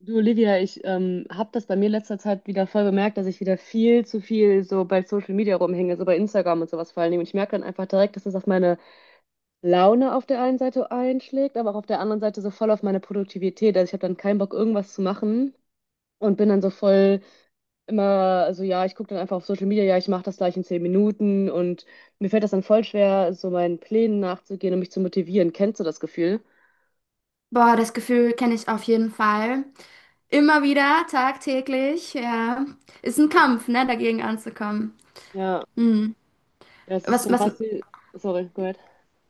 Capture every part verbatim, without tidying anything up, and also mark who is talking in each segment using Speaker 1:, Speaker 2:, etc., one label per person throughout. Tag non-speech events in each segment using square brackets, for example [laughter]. Speaker 1: Du, Olivia, ich ähm, habe das bei mir letzter Zeit wieder voll bemerkt, dass ich wieder viel zu viel so bei Social Media rumhänge, so bei Instagram und sowas vor allen Dingen. Und ich merke dann einfach direkt, dass das auf meine Laune auf der einen Seite einschlägt, aber auch auf der anderen Seite so voll auf meine Produktivität. Also ich habe dann keinen Bock, irgendwas zu machen und bin dann so voll immer so, ja, ich gucke dann einfach auf Social Media, ja, ich mache das gleich in zehn Minuten. Und mir fällt das dann voll schwer, so meinen Plänen nachzugehen und mich zu motivieren. Kennst du das Gefühl?
Speaker 2: Boah, das Gefühl kenne ich auf jeden Fall. Immer wieder, tagtäglich, ja. Ist ein Kampf, ne, dagegen anzukommen.
Speaker 1: Ja,
Speaker 2: Hm.
Speaker 1: das ist
Speaker 2: Was,
Speaker 1: schon
Speaker 2: was, nee,
Speaker 1: fast wie... Sorry, go ahead.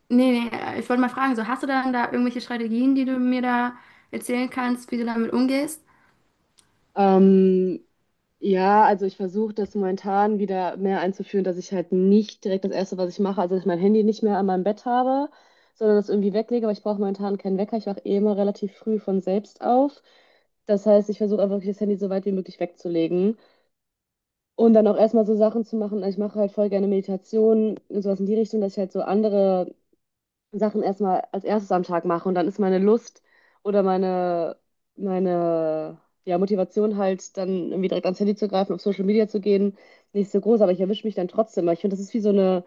Speaker 2: nee, äh, ich wollte mal fragen, so hast du dann da irgendwelche Strategien, die du mir da erzählen kannst, wie du damit umgehst?
Speaker 1: Ähm, Ja, also ich versuche das momentan wieder mehr einzuführen, dass ich halt nicht direkt das Erste, was ich mache, also dass ich mein Handy nicht mehr an meinem Bett habe, sondern das irgendwie weglege, aber ich brauche momentan keinen Wecker. Ich wache eh immer relativ früh von selbst auf. Das heißt, ich versuche einfach wirklich das Handy so weit wie möglich wegzulegen und dann auch erstmal so Sachen zu machen. Ich mache halt voll gerne Meditationen, und sowas in die Richtung, dass ich halt so andere Sachen erstmal als erstes am Tag mache und dann ist meine Lust oder meine, meine ja, Motivation halt dann irgendwie direkt ans Handy zu greifen, auf Social Media zu gehen, nicht so groß, aber ich erwische mich dann trotzdem, weil ich finde, das ist wie so eine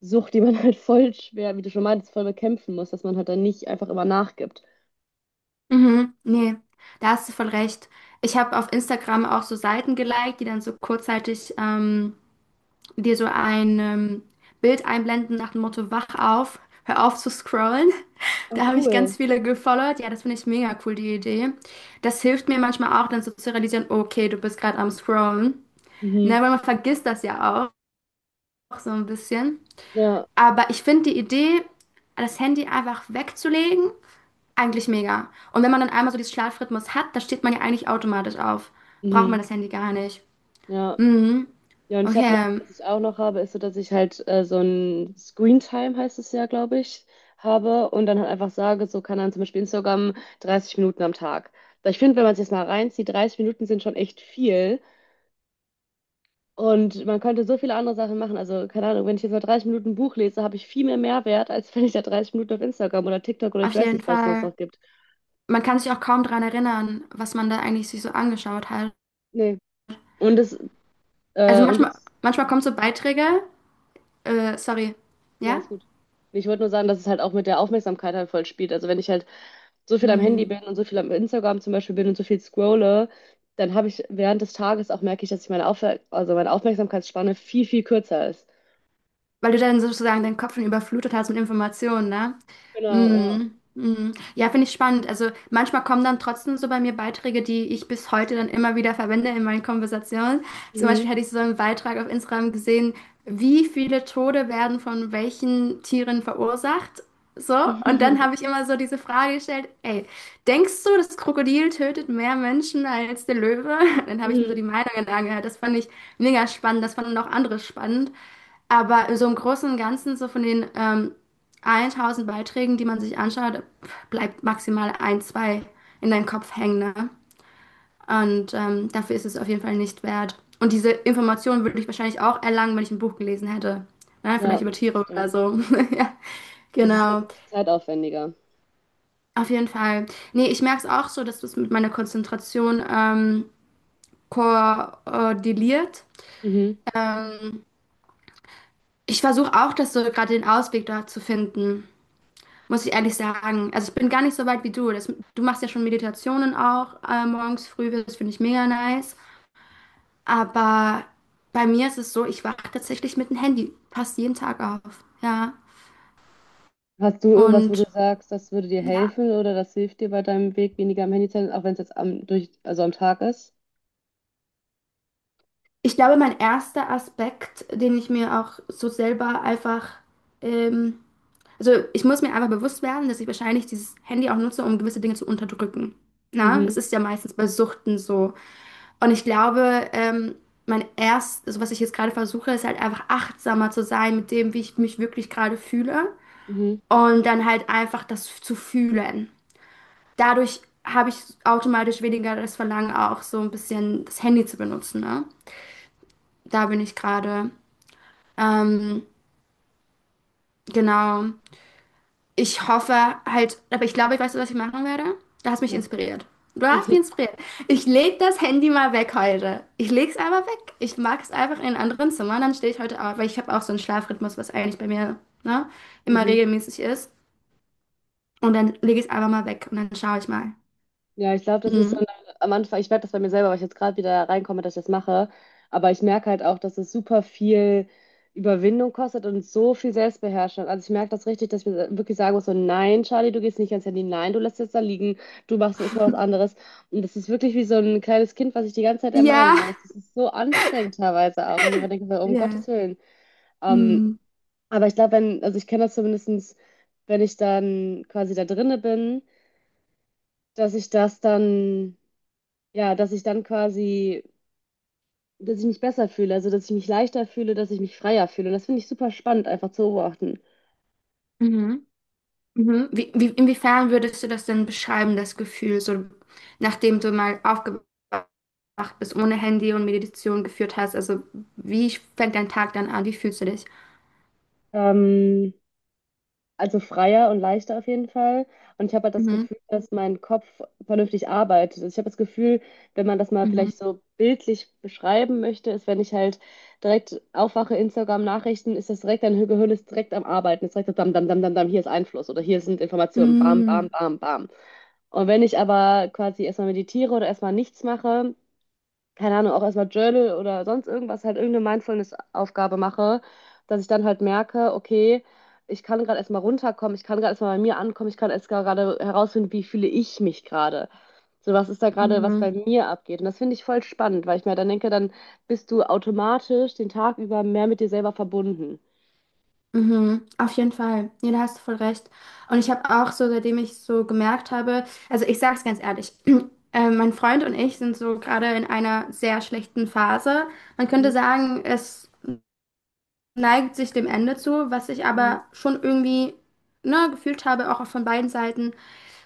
Speaker 1: Sucht, die man [laughs] halt voll schwer, wie du schon meintest, voll bekämpfen muss, dass man halt dann nicht einfach immer nachgibt.
Speaker 2: Mhm, nee, da hast du voll recht. Ich habe auf Instagram auch so Seiten geliked, die dann so kurzzeitig ähm, dir so ein ähm, Bild einblenden nach dem Motto, wach auf, hör auf zu scrollen. [laughs]
Speaker 1: Ach,
Speaker 2: Da habe ich
Speaker 1: cool.
Speaker 2: ganz viele gefollowt. Ja, das finde ich mega cool, die Idee. Das hilft mir manchmal auch, dann so zu realisieren, okay, du bist gerade am Scrollen. Ne,
Speaker 1: Mhm.
Speaker 2: weil man vergisst das ja auch so ein bisschen.
Speaker 1: Ja,
Speaker 2: Aber ich finde die Idee, das Handy einfach wegzulegen, eigentlich mega. Und wenn man dann einmal so diesen Schlafrhythmus hat, dann steht man ja eigentlich automatisch auf. Braucht
Speaker 1: mhm.
Speaker 2: man das Handy gar nicht.
Speaker 1: Ja.
Speaker 2: Mhm.
Speaker 1: Ja, und ich habe noch,
Speaker 2: Okay,
Speaker 1: was ich auch noch habe, ist so, dass ich halt äh, so ein Screen Time heißt es ja, glaube ich, habe und dann halt einfach sage, so kann dann zum Beispiel Instagram dreißig Minuten am Tag. Weil ich finde, wenn man es jetzt mal reinzieht, dreißig Minuten sind schon echt viel und man könnte so viele andere Sachen machen. Also, keine Ahnung, wenn ich jetzt mal dreißig Minuten ein Buch lese, habe ich viel mehr Mehrwert, als [laughs] wenn ich da dreißig Minuten auf Instagram oder TikTok oder
Speaker 2: auf
Speaker 1: ich weiß
Speaker 2: jeden
Speaker 1: nicht, was es sonst
Speaker 2: Fall.
Speaker 1: noch gibt.
Speaker 2: Man kann sich auch kaum daran erinnern, was man da eigentlich sich so angeschaut hat.
Speaker 1: Nee. Und es,
Speaker 2: Also
Speaker 1: äh, und
Speaker 2: manchmal,
Speaker 1: es,
Speaker 2: manchmal kommen so Beiträge, äh, sorry,
Speaker 1: ja,
Speaker 2: ja?
Speaker 1: ist gut. Ich wollte nur sagen, dass es halt auch mit der Aufmerksamkeit halt voll spielt. Also wenn ich halt so viel am Handy
Speaker 2: Mm.
Speaker 1: bin und so viel am Instagram zum Beispiel bin und so viel scrolle, dann habe ich während des Tages auch merke ich, dass ich meine Aufwer also meine Aufmerksamkeitsspanne viel, viel kürzer ist.
Speaker 2: Weil du dann sozusagen deinen Kopf schon überflutet hast mit Informationen, ne?
Speaker 1: Genau, ja.
Speaker 2: Mm, mm. Ja, finde ich spannend. Also manchmal kommen dann trotzdem so bei mir Beiträge, die ich bis heute dann immer wieder verwende in meinen Konversationen. Zum
Speaker 1: Mhm.
Speaker 2: Beispiel hatte ich so einen Beitrag auf Instagram gesehen, wie viele Tode werden von welchen Tieren verursacht? So, und dann habe ich
Speaker 1: [laughs]
Speaker 2: immer so diese Frage gestellt, ey, denkst du, das Krokodil tötet mehr Menschen als der Löwe? [laughs] Dann habe ich mir so
Speaker 1: Mhm.
Speaker 2: die Meinungen angehört. Das fand ich mega spannend, das fanden auch andere spannend. Aber in so im Großen und Ganzen, so von den ähm, tausend Beiträgen, die man sich anschaut, bleibt maximal ein, zwei in deinem Kopf hängen, ne? Und ähm, dafür ist es auf jeden Fall nicht wert. Und diese Informationen würde ich wahrscheinlich auch erlangen, wenn ich ein Buch gelesen hätte. Ne? Vielleicht
Speaker 1: Ja,
Speaker 2: über
Speaker 1: das
Speaker 2: Tiere oder
Speaker 1: stimmt.
Speaker 2: so. [laughs] Ja,
Speaker 1: Es ist halt
Speaker 2: genau.
Speaker 1: zeitaufwendiger.
Speaker 2: Auf jeden Fall. Nee, ich merke es auch so, dass das mit meiner Konzentration ähm, koordiniert.
Speaker 1: Mhm.
Speaker 2: Ähm, Ich versuche auch, das so gerade den Ausweg da zu finden. Muss ich ehrlich sagen. Also ich bin gar nicht so weit wie du. Das, du machst ja schon Meditationen auch äh, morgens früh. Das finde ich mega nice. Aber bei mir ist es so, ich wache tatsächlich mit dem Handy fast jeden Tag auf. Ja.
Speaker 1: Hast du irgendwas, wo du
Speaker 2: Und
Speaker 1: sagst, das würde dir
Speaker 2: ja,
Speaker 1: helfen oder das hilft dir bei deinem Weg, weniger am Handy zu sein, auch wenn es jetzt am, durch, also am Tag ist?
Speaker 2: ich glaube, mein erster Aspekt, den ich mir auch so selber einfach, ähm, also ich muss mir einfach bewusst werden, dass ich wahrscheinlich dieses Handy auch nutze, um gewisse Dinge zu unterdrücken. Na,
Speaker 1: Mhm.
Speaker 2: es ist ja meistens bei Suchten so. Und ich glaube, ähm, mein erst, also was ich jetzt gerade versuche, ist halt einfach achtsamer zu sein mit dem, wie ich mich wirklich gerade fühle.
Speaker 1: Mhm.
Speaker 2: Und dann halt einfach das zu fühlen. Dadurch habe ich automatisch weniger das Verlangen, auch so ein bisschen das Handy zu benutzen, ne? Da bin ich gerade. Ähm, genau. Ich hoffe halt, aber ich glaube, ich weiß, was ich machen werde. Du hast mich
Speaker 1: Was denn?
Speaker 2: inspiriert. Du hast mich inspiriert. Ich leg das Handy mal weg heute. Ich leg's aber weg. Ich mag es einfach in einem anderen Zimmer. Dann stehe ich heute auf, weil ich habe auch so einen Schlafrhythmus, was eigentlich bei mir, ne,
Speaker 1: [laughs]
Speaker 2: immer
Speaker 1: Mhm.
Speaker 2: regelmäßig ist. Und dann lege ich es einfach mal weg und dann schaue ich mal.
Speaker 1: Ja, ich glaube, das ist so
Speaker 2: Hm.
Speaker 1: eine, am Anfang, ich merke das bei mir selber, weil ich jetzt gerade wieder reinkomme, dass ich das mache. Aber ich merke halt auch, dass es super viel Überwindung kostet und so viel Selbstbeherrschung. Also ich merke das richtig, dass ich mir wirklich sagen muss, so nein, Charlie, du gehst nicht ans Handy, nein, du lässt es da liegen, du machst jetzt mal was anderes. Und das ist wirklich wie so ein kleines Kind, was ich die ganze Zeit ermahnen
Speaker 2: Ja.
Speaker 1: muss. Das ist so anstrengend teilweise auch. Und ich mir immer denke, so, um Gottes
Speaker 2: Ja.
Speaker 1: Willen. Ähm,
Speaker 2: Hm.
Speaker 1: aber ich glaube, wenn, also ich kenne das zumindestens, wenn ich dann quasi da drinne bin, dass ich das dann. Ja, dass ich dann quasi, dass ich mich besser fühle, also dass ich mich leichter fühle, dass ich mich freier fühle. Das finde ich super spannend, einfach zu beobachten.
Speaker 2: Mhm. Mhm. Wie, wie, inwiefern würdest du das denn beschreiben, das Gefühl, so nachdem du mal aufgewacht bist, ohne Handy und Meditation geführt hast? Also wie fängt dein Tag dann an? Wie fühlst du dich?
Speaker 1: Ähm, also freier und leichter auf jeden Fall. Und ich habe halt das
Speaker 2: Mhm.
Speaker 1: Gefühl, dass mein Kopf vernünftig arbeitet. Also ich habe das Gefühl, wenn man das mal
Speaker 2: Mhm.
Speaker 1: vielleicht so bildlich beschreiben möchte, ist, wenn ich halt direkt aufwache, Instagram-Nachrichten, ist das direkt, dein Gehirn ist direkt am Arbeiten. Ist direkt so, dam, dam, dam, dam, dam, hier ist Einfluss oder hier sind Informationen. Bam, bam,
Speaker 2: Mhm.
Speaker 1: bam, bam. Und wenn ich aber quasi erstmal meditiere oder erstmal nichts mache, keine Ahnung, auch erstmal Journal oder sonst irgendwas, halt irgendeine Mindfulness-Aufgabe mache, dass ich dann halt merke, okay, ich kann gerade erstmal runterkommen, ich kann gerade erstmal bei mir ankommen, ich kann erst gerade herausfinden, wie fühle ich mich gerade. So, was ist da gerade, was
Speaker 2: Mhm.
Speaker 1: bei mir abgeht? Und das finde ich voll spannend, weil ich mir dann denke, dann bist du automatisch den Tag über mehr mit dir selber verbunden.
Speaker 2: Mhm. Auf jeden Fall. Ja, da hast du voll recht. Und ich habe auch so, seitdem ich so gemerkt habe, also ich sage es ganz ehrlich, [clears throat] äh, mein Freund und ich sind so gerade in einer sehr schlechten Phase. Man könnte
Speaker 1: Mhm,
Speaker 2: sagen, es neigt sich dem Ende zu, was ich
Speaker 1: mhm,
Speaker 2: aber schon irgendwie, ne, gefühlt habe, auch von beiden Seiten.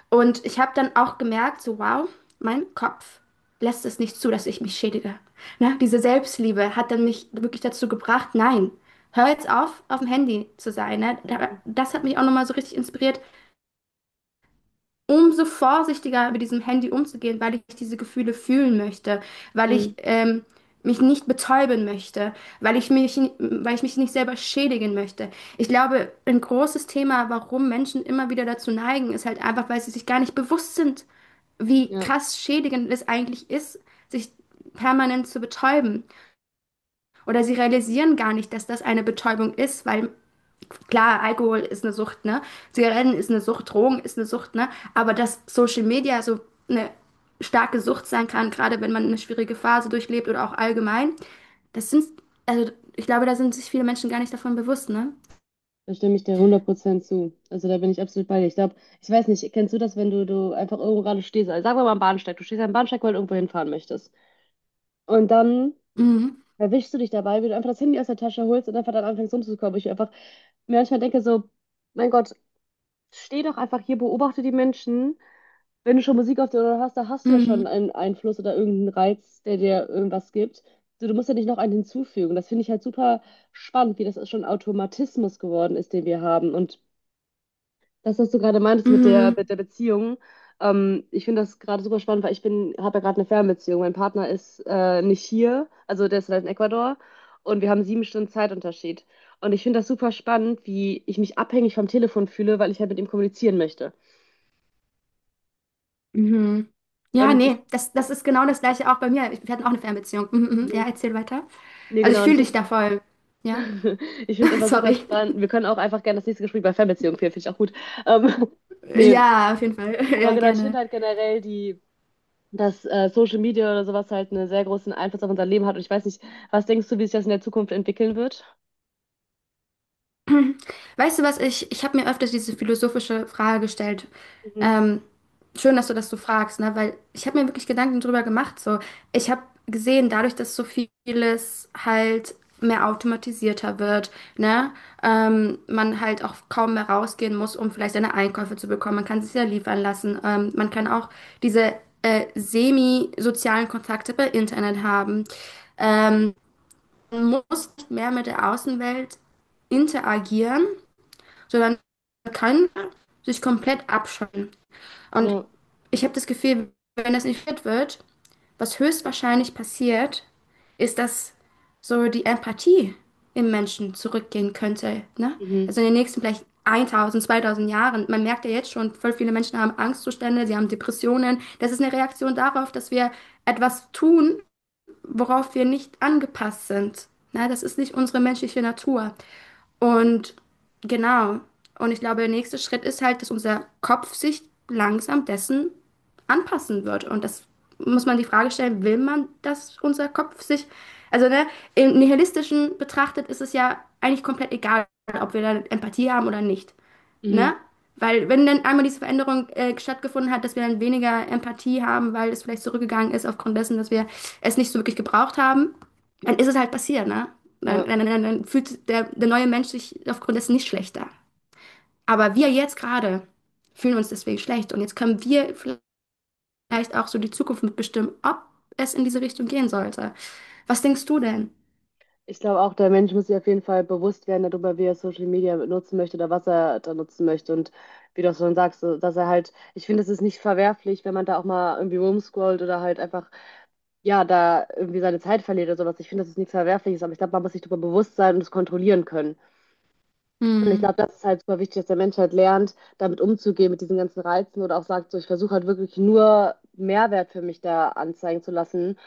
Speaker 2: Und ich habe dann auch gemerkt, so wow, mein Kopf lässt es nicht zu, dass ich mich schädige. Ne, diese Selbstliebe hat dann mich wirklich dazu gebracht, nein, hör jetzt auf, auf dem Handy zu sein. Ne? Da-
Speaker 1: mhm,
Speaker 2: Das hat mich auch nochmal so richtig inspiriert, umso vorsichtiger mit diesem Handy umzugehen, weil ich diese Gefühle fühlen möchte, weil
Speaker 1: mhm.
Speaker 2: ich ähm, mich nicht betäuben möchte, weil ich mich, weil ich mich nicht selber schädigen möchte. Ich glaube, ein großes Thema, warum Menschen immer wieder dazu neigen, ist halt einfach, weil sie sich gar nicht bewusst sind, wie
Speaker 1: Ja.
Speaker 2: krass schädigend es eigentlich ist, sich permanent zu betäuben. Oder sie realisieren gar nicht, dass das eine Betäubung ist, weil Klar, Alkohol ist eine Sucht, ne? Zigaretten ist eine Sucht, Drogen ist eine Sucht, ne? Aber dass Social Media so eine starke Sucht sein kann, gerade wenn man eine schwierige Phase durchlebt oder auch allgemein, das sind, also ich glaube, da sind sich viele Menschen gar nicht davon bewusst, ne?
Speaker 1: Da stimme ich dir hundert Prozent zu. Also da bin ich absolut bei dir. Ich glaube, ich weiß nicht, kennst du das, wenn du, du einfach irgendwo gerade stehst? Also sagen wir mal am Bahnsteig. Du stehst am Bahnsteig, weil du irgendwo hinfahren möchtest. Und dann
Speaker 2: Mhm.
Speaker 1: erwischst du dich dabei, wie du einfach das Handy aus der Tasche holst und einfach dann anfängst rumzukommen. Ich einfach mir manchmal denke so, mein Gott, steh doch einfach hier, beobachte die Menschen. Wenn du schon Musik auf der Ohren hast, da hast du ja
Speaker 2: Mhm.
Speaker 1: schon einen Einfluss oder irgendeinen Reiz, der dir irgendwas gibt. So, du musst ja nicht noch einen hinzufügen. Das finde ich halt super spannend, wie das schon ein Automatismus geworden ist, den wir haben. Und das, was du gerade meintest mit der, mit
Speaker 2: Mhm.
Speaker 1: der Beziehung, ähm, ich finde das gerade super spannend, weil ich bin, habe ja gerade eine Fernbeziehung. Mein Partner ist äh, nicht hier, also der ist halt in Ecuador und wir haben sieben Stunden Zeitunterschied. Und ich finde das super spannend, wie ich mich abhängig vom Telefon fühle, weil ich halt mit ihm kommunizieren möchte.
Speaker 2: Mhm. Ja,
Speaker 1: Und
Speaker 2: nee,
Speaker 1: ich,
Speaker 2: das, das ist genau das Gleiche auch bei mir. Ich- Wir hatten auch eine Fernbeziehung. Mhm, mhm. Ja,
Speaker 1: mhm.
Speaker 2: erzähl weiter.
Speaker 1: nee,
Speaker 2: Also
Speaker 1: genau,
Speaker 2: ich
Speaker 1: und ich,
Speaker 2: fühle dich
Speaker 1: find-
Speaker 2: da voll. Ja,
Speaker 1: [laughs] Ich finde es
Speaker 2: [laughs]
Speaker 1: einfach super
Speaker 2: sorry.
Speaker 1: spannend. Wir können auch einfach gerne das nächste Gespräch bei Fernbeziehung führen, finde ich auch gut. Ähm, [laughs] nee,
Speaker 2: Ja, auf jeden Fall. [laughs]
Speaker 1: aber
Speaker 2: Ja,
Speaker 1: genau, ich finde
Speaker 2: gerne.
Speaker 1: halt generell die dass äh, Social Media oder sowas halt einen sehr großen Einfluss auf unser Leben hat. Und ich weiß nicht, was denkst du, wie sich das in der Zukunft entwickeln wird?
Speaker 2: Weißt du was, ich, ich habe mir öfters diese philosophische Frage gestellt.
Speaker 1: Mhm.
Speaker 2: Ähm, Schön, dass du das so fragst, ne? Weil ich habe mir wirklich Gedanken drüber gemacht. So, ich habe gesehen, dadurch, dass so vieles halt mehr automatisierter wird, ne? Ähm, man halt auch kaum mehr rausgehen muss, um vielleicht seine Einkäufe zu bekommen. Man kann sich ja liefern lassen. Ähm, man kann
Speaker 1: Mhm.
Speaker 2: auch diese äh, semi-sozialen Kontakte bei Internet haben. Ähm, Man muss nicht mehr mit der Außenwelt interagieren sondern kann sich komplett abschotten. Und
Speaker 1: Ja,
Speaker 2: ich habe das Gefühl, wenn das nicht fit wird, was höchstwahrscheinlich passiert, ist, dass so die Empathie im Menschen zurückgehen könnte. Ne?
Speaker 1: mhm.
Speaker 2: Also in den nächsten vielleicht tausend, zweitausend Jahren. Man merkt ja jetzt schon, voll viele Menschen haben Angstzustände, sie haben Depressionen. Das ist eine Reaktion darauf, dass wir etwas tun, worauf wir nicht angepasst sind. Na, das ist nicht unsere menschliche Natur. Und genau. Und ich glaube, der nächste Schritt ist halt, dass unser Kopf sich langsam dessen anpassen wird. Und das muss man die Frage stellen, will man, dass unser Kopf sich, also ne, im Nihilistischen betrachtet ist es ja eigentlich komplett egal, ob wir da Empathie haben oder nicht,
Speaker 1: Mhm.
Speaker 2: ne? Weil wenn dann einmal diese Veränderung äh, stattgefunden hat, dass wir dann weniger Empathie haben, weil es vielleicht zurückgegangen ist aufgrund dessen, dass wir es nicht so wirklich gebraucht haben, dann ist es halt passiert, ne? Dann,
Speaker 1: Ja.
Speaker 2: dann, dann, dann fühlt der, der neue Mensch sich aufgrund dessen nicht schlechter. Aber wir jetzt gerade fühlen uns deswegen schlecht und jetzt können wir vielleicht auch so die Zukunft mitbestimmen, ob es in diese Richtung gehen sollte. Was denkst du denn?
Speaker 1: Ich glaube auch, der Mensch muss sich auf jeden Fall bewusst werden darüber, wie er Social Media nutzen möchte oder was er da nutzen möchte. Und wie du auch schon sagst, so, dass er halt, ich finde, es ist nicht verwerflich, wenn man da auch mal irgendwie rumscrollt oder halt einfach, ja, da irgendwie seine Zeit verliert oder sowas. Ich finde, das ist nichts Verwerfliches, aber ich glaube, man muss sich darüber bewusst sein und es kontrollieren können. Und ich
Speaker 2: Hm.
Speaker 1: glaube, das ist halt super wichtig, dass der Mensch halt lernt, damit umzugehen, mit diesen ganzen Reizen oder auch sagt, so, ich versuche halt wirklich nur Mehrwert für mich da anzeigen zu lassen.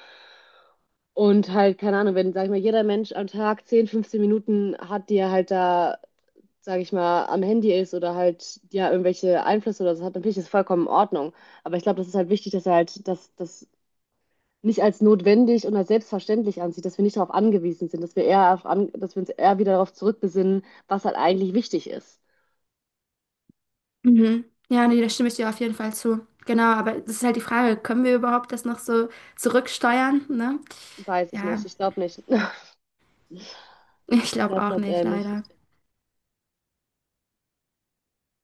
Speaker 1: Und halt, keine Ahnung, wenn, sag ich mal, jeder Mensch am Tag zehn, fünfzehn Minuten hat, die er halt da, sag ich mal, am Handy ist oder halt, ja, irgendwelche Einflüsse oder so hat, dann finde ich das vollkommen in Ordnung. Aber ich glaube, das ist halt wichtig, dass er halt das, das nicht als notwendig und als selbstverständlich ansieht, dass wir nicht darauf angewiesen sind, dass wir eher auf an, dass wir uns eher wieder darauf zurückbesinnen, was halt eigentlich wichtig ist.
Speaker 2: Mhm. Ja, nee, da stimme ich dir auf jeden Fall zu. Genau, aber das ist halt die Frage, können wir überhaupt das noch so zurücksteuern, ne?
Speaker 1: Weiß ich nicht.
Speaker 2: Ja,
Speaker 1: Ich glaube nicht.
Speaker 2: [laughs]
Speaker 1: [laughs]
Speaker 2: ich
Speaker 1: Ich
Speaker 2: glaube
Speaker 1: glaube
Speaker 2: auch
Speaker 1: Gott,
Speaker 2: nicht,
Speaker 1: äh, nicht.
Speaker 2: leider.